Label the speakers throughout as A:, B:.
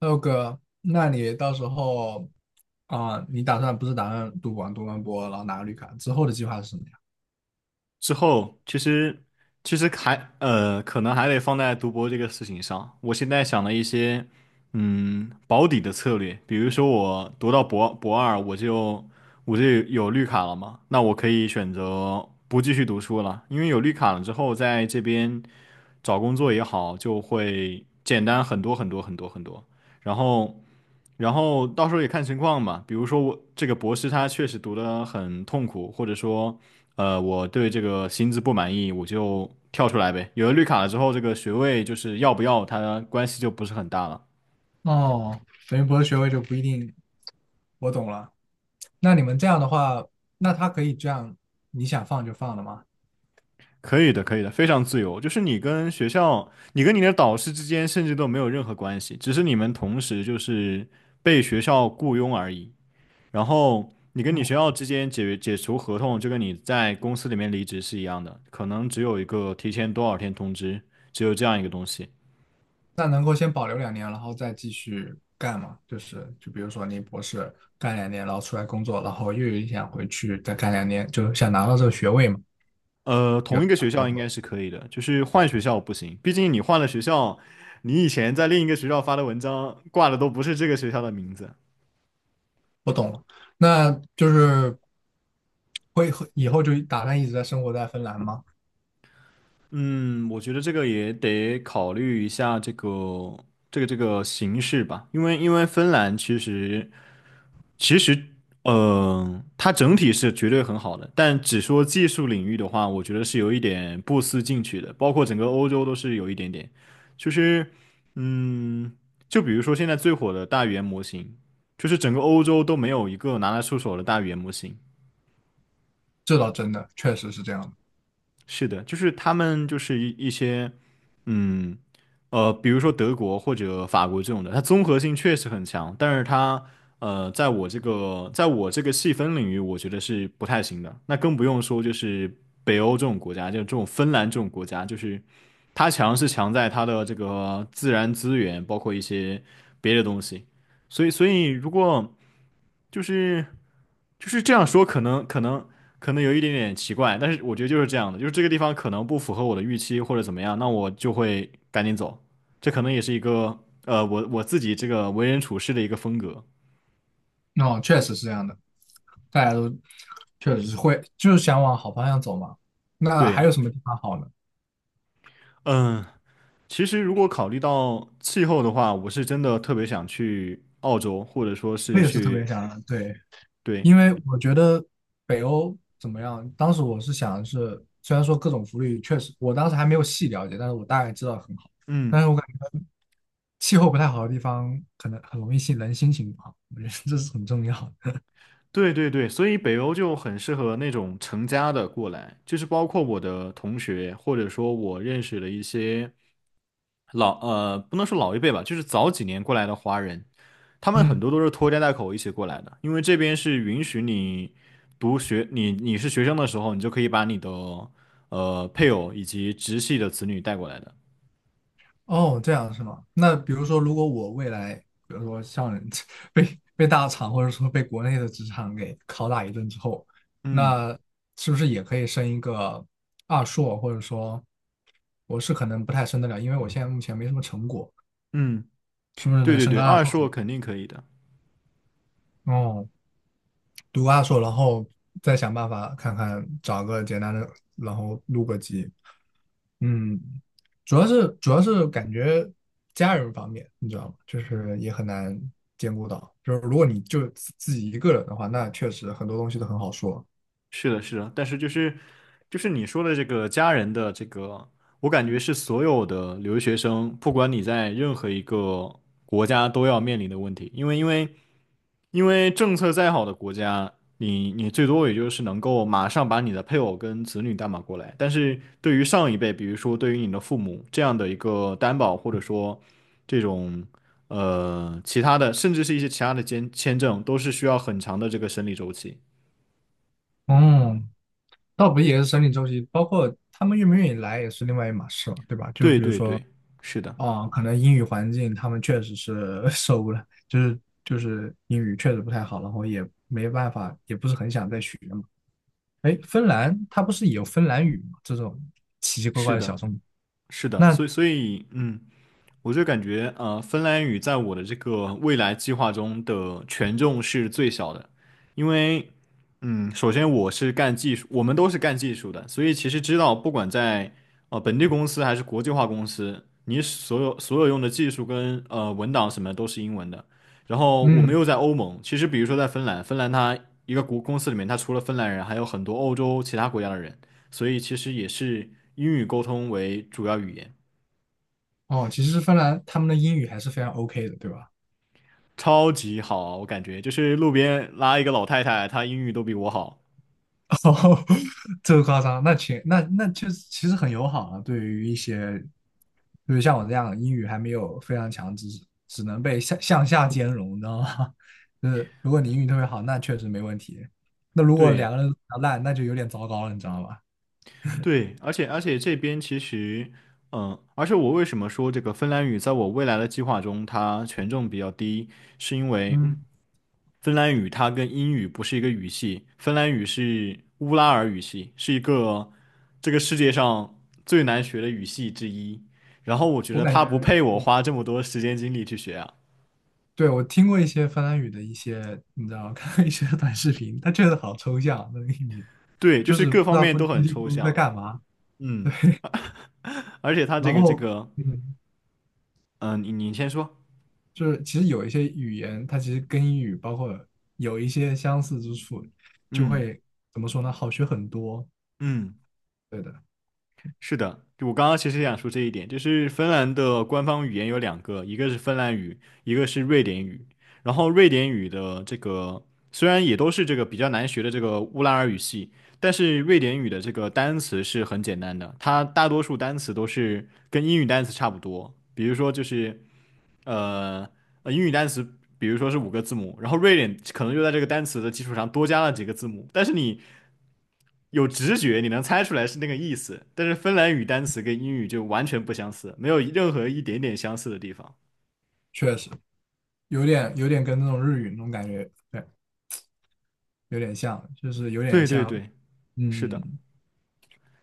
A: 六哥，那你到时候啊、你打算不是打算读完博，然后拿个绿卡之后的计划是什么呀？
B: 之后，其实还可能还得放在读博这个事情上。我现在想了一些保底的策略，比如说我读到博二，我就有绿卡了嘛，那我可以选择不继续读书了，因为有绿卡了之后，在这边找工作也好，就会简单很多很多很多。然后然后到时候也看情况吧。比如说我这个博士他确实读得很痛苦，或者说，我对这个薪资不满意，我就跳出来呗。有了绿卡了之后，这个学位就是要不要，它关系就不是很大了。
A: 哦，等于博士学位就不一定。我懂了。那你们这样的话，那他可以这样，你想放就放了吗？
B: 可以的，可以的，非常自由。就是你跟学校，你跟你的导师之间甚至都没有任何关系，只是你们同时就是被学校雇佣而已。然后你跟你学校之间解除合同，就跟你在公司里面离职是一样的，可能只有一个提前多少天通知，只有这样一个东西。
A: 那能够先保留两年，然后再继续干吗？就比如说你博士干两年，然后出来工作，然后又有一想回去再干两年，就想拿到这个学位嘛？有。
B: 同一个学校应该是可以的，就是换学校不行，毕竟你换了学校，你以前在另一个学校发的文章挂的都不是这个学校的名字。
A: 我懂了，那就是会以后就打算一直在生活在芬兰吗？
B: 嗯，我觉得这个也得考虑一下这个这个形式吧，因为芬兰其实，它整体是绝对很好的，但只说技术领域的话，我觉得是有一点不思进取的，包括整个欧洲都是有一点点，就是，嗯，就比如说现在最火的大语言模型，就是整个欧洲都没有一个拿得出手的大语言模型。
A: 这倒真的确实是这样的，
B: 是的，就是他们就是一些，嗯，比如说德国或者法国这种的，它综合性确实很强，但是它，在我这个细分领域，我觉得是不太行的。那更不用说就是北欧这种国家，就这种芬兰这种国家，就是它强是强在它的这个自然资源，包括一些别的东西。所以，所以如果就是这样说，可能有一点点奇怪，但是我觉得就是这样的，就是这个地方可能不符合我的预期或者怎么样，那我就会赶紧走。这可能也是一个我自己这个为人处事的一个风格。
A: 哦，确实是这样的，大家都确实是会就是想往好方向走嘛。那还
B: 对，
A: 有什么地方好呢？
B: 嗯，其实如果考虑到气候的话，我是真的特别想去澳洲，或者说
A: 我
B: 是
A: 也是特别
B: 去，
A: 想，对，
B: 对，
A: 因为我觉得北欧怎么样？当时我是想的是，虽然说各种福利确实，我当时还没有细了解，但是我大概知道很好。但
B: 嗯。
A: 是我感觉气候不太好的地方，可能很容易人心情不好，我觉得这是很重要的。
B: 对对对，所以北欧就很适合那种成家的过来，就是包括我的同学，或者说我认识的一些不能说老一辈吧，就是早几年过来的华人，他们很
A: 嗯，
B: 多都是拖家带口一起过来的，因为这边是允许你读学，你是学生的时候，你就可以把你的配偶以及直系的子女带过来的。
A: 哦，这样是吗？那比如说，如果我未来，比如说像人 被大厂或者说被国内的职场给拷打一顿之后，
B: 嗯
A: 那是不是也可以升一个二硕？或者说，我是可能不太升得了，因为我现在目前没什么成果，
B: 嗯，
A: 是不是
B: 对
A: 能
B: 对
A: 升
B: 对，
A: 个二
B: 二
A: 硕哦。
B: 硕肯定可以的。
A: 读阿硕，然后再想办法看看找个简单的，然后录个集。嗯，主要是感觉家人方面，你知道吗？就是也很难兼顾到。就是如果你就自己一个人的话，那确实很多东西都很好说。
B: 是的，是的，但是就是就是你说的这个家人的这个，我感觉是所有的留学生，不管你在任何一个国家都要面临的问题，因为政策再好的国家，你最多也就是能够马上把你的配偶跟子女担保过来，但是对于上一辈，比如说对于你的父母这样的一个担保，或者说这种其他的，甚至是一些其他的签证，都是需要很长的这个审理周期。
A: 嗯，倒不也是生理周期，包括他们愿不愿意来也是另外一码事嘛，对吧？就
B: 对
A: 比如
B: 对
A: 说。
B: 对，是的。
A: 哦，可能英语环境他们确实是 受不了，就是英语确实不太好，然后也没办法，也不是很想再学嘛。哎，芬兰它不是也有芬兰语吗？这种奇奇怪
B: 是
A: 怪的小
B: 的，
A: 众。
B: 是的，
A: 那
B: 所以嗯，我就感觉，芬兰语在我的这个未来计划中的权重是最小的，因为，嗯，首先我是干技术，我们都是干技术的，所以其实知道，不管在本地公司还是国际化公司，你所有用的技术跟文档什么都是英文的。然后我们
A: 嗯，
B: 又在欧盟，其实比如说在芬兰，芬兰它一个国公司里面，它除了芬兰人，还有很多欧洲其他国家的人，所以其实也是英语沟通为主要语言。
A: 哦，其实芬兰他们的英语还是非常 OK 的，对吧？
B: 超级好，我感觉就是路边拉一个老太太，她英语都比我好。
A: 哦，这个夸张，那就是其实很友好啊，对于一些，就是像我这样英语还没有非常强，只是只能被向下兼容，你知道吗？就是如果你英语特别好，那确实没问题。那如果两
B: 对
A: 个人都比较烂，那就有点糟糕了，你知道吧？
B: 对，而且这边其实，嗯，而且我为什么说这个芬兰语在我未来的计划中它权重比较低，是因为
A: 嗯，
B: 芬兰语它跟英语不是一个语系，芬兰语是乌拉尔语系，是一个这个世界上最难学的语系之一。然后我觉
A: 我
B: 得
A: 感
B: 它
A: 觉，
B: 不配我花这么多时间精力去学啊。
A: 对，我听过一些芬兰语的一些，你知道，看过一些短视频，它确实好抽象，那个英语，
B: 对，就
A: 就
B: 是
A: 是不
B: 各
A: 知
B: 方
A: 道
B: 面
A: 咕
B: 都
A: 叽
B: 很
A: 里
B: 抽
A: 咕噜在
B: 象。
A: 干嘛。
B: 嗯。而且他这
A: 然
B: 个这
A: 后，
B: 个，
A: 嗯
B: 你先说，
A: 就是其实有一些语言，它其实跟英语包括有一些相似之处，就
B: 嗯
A: 会怎么说呢？好学很多。
B: 嗯，
A: 对的，
B: 是的，就我刚刚其实也想说这一点，就是芬兰的官方语言有两个，一个是芬兰语，一个是瑞典语。然后瑞典语的这个虽然也都是这个比较难学的这个乌拉尔语系，但是瑞典语的这个单词是很简单的，它大多数单词都是跟英语单词差不多，比如说就是呃英语单词。比如说是五个字母，然后瑞典可能就在这个单词的基础上多加了几个字母，但是你有直觉，你能猜出来是那个意思，但是芬兰语单词跟英语就完全不相似，没有任何一点点相似的地方。
A: 确实有点跟那种日语那种感觉，对，有点像，就是有点
B: 对对
A: 像，
B: 对，是的。
A: 嗯，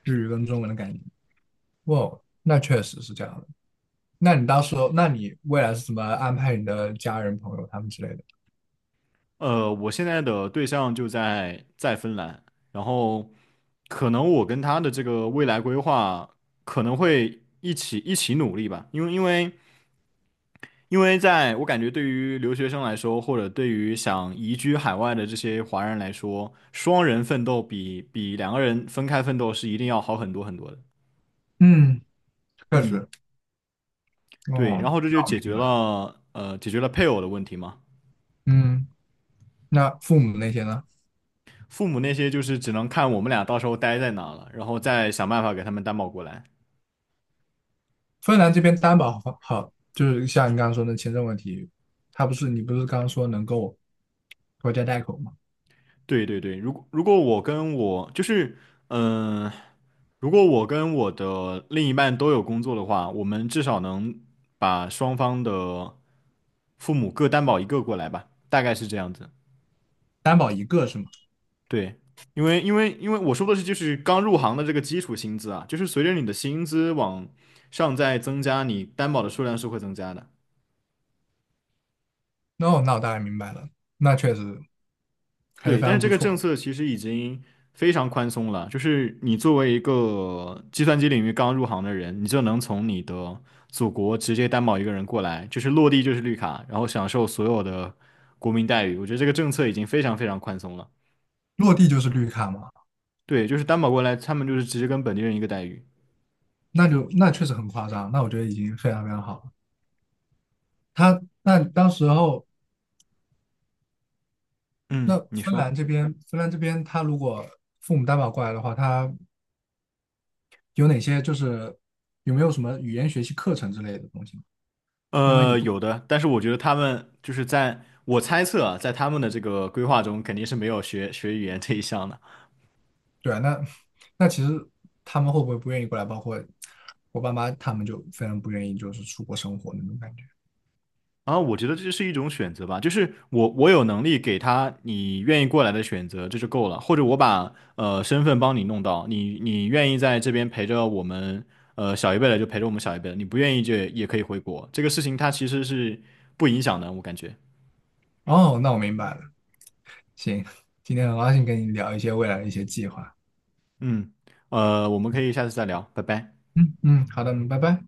A: 日语跟中文的感觉。哦，那确实是这样的。那你到时候，那你未来是怎么安排你的家人、朋友他们之类的？
B: 我现在的对象就在芬兰，然后可能我跟他的这个未来规划可能会一起努力吧，因为在我感觉对于留学生来说，或者对于想移居海外的这些华人来说，双人奋斗比两个人分开奋斗是一定要好很多很多的。
A: 嗯，确
B: 嗯。
A: 实。
B: 对，
A: 哦，
B: 然后这就
A: 那我
B: 解
A: 明
B: 决
A: 白了。
B: 了解决了配偶的问题嘛。
A: 嗯，那父母那些呢？
B: 父母那些就是只能看我们俩到时候待在哪了，然后再想办法给他们担保过来。
A: 芬兰这边担保好，好，就是像你刚刚说的签证问题，他不是你不是刚刚说能够拖家带口吗？
B: 对对对，如果我跟我就是嗯、呃如果我跟我的另一半都有工作的话，我们至少能把双方的父母各担保一个过来吧，大概是这样子。
A: 担保一个是吗？
B: 对，因为我说的是就是刚入行的这个基础薪资啊，就是随着你的薪资往上在增加，你担保的数量是会增加的。
A: 那我大概明白了，那确实还是
B: 对，
A: 非
B: 但是
A: 常
B: 这
A: 不
B: 个政
A: 错
B: 策其实已经非常宽松了，就是你作为一个计算机领域刚入行的人，你就能从你的祖国直接担保一个人过来，就是落地就是绿卡，然后享受所有的国民待遇。我觉得这个政策已经非常非常宽松了。
A: 落地就是绿卡嘛，
B: 对，就是担保过来，他们就是直接跟本地人一个待遇。
A: 那确实很夸张，那我觉得已经非常非常好了。他那当时候那
B: 嗯，你
A: 芬
B: 说。
A: 兰这边，芬兰这边他如果父母担保过来的话，他有哪些就是有没有什么语言学习课程之类的东西呢？
B: 有的，但是我觉得他们就是在我猜测啊，在他们的这个规划中，肯定是没有学语言这一项的。
A: 对啊，那其实他们会不会不愿意过来？包括我爸妈他们就非常不愿意，就是出国生活那种感觉。
B: 然后我觉得这是一种选择吧，就是我有能力给他你愿意过来的选择，这就够了。或者我把身份帮你弄到，你愿意在这边陪着我们小一辈的就陪着我们小一辈的，你不愿意就也可以回国。这个事情它其实是不影响的，我感觉。
A: 哦，那我明白了。行，今天很高兴跟你聊一些未来的一些计划。
B: 嗯，我们可以下次再聊，拜拜。
A: 嗯，好的，拜拜。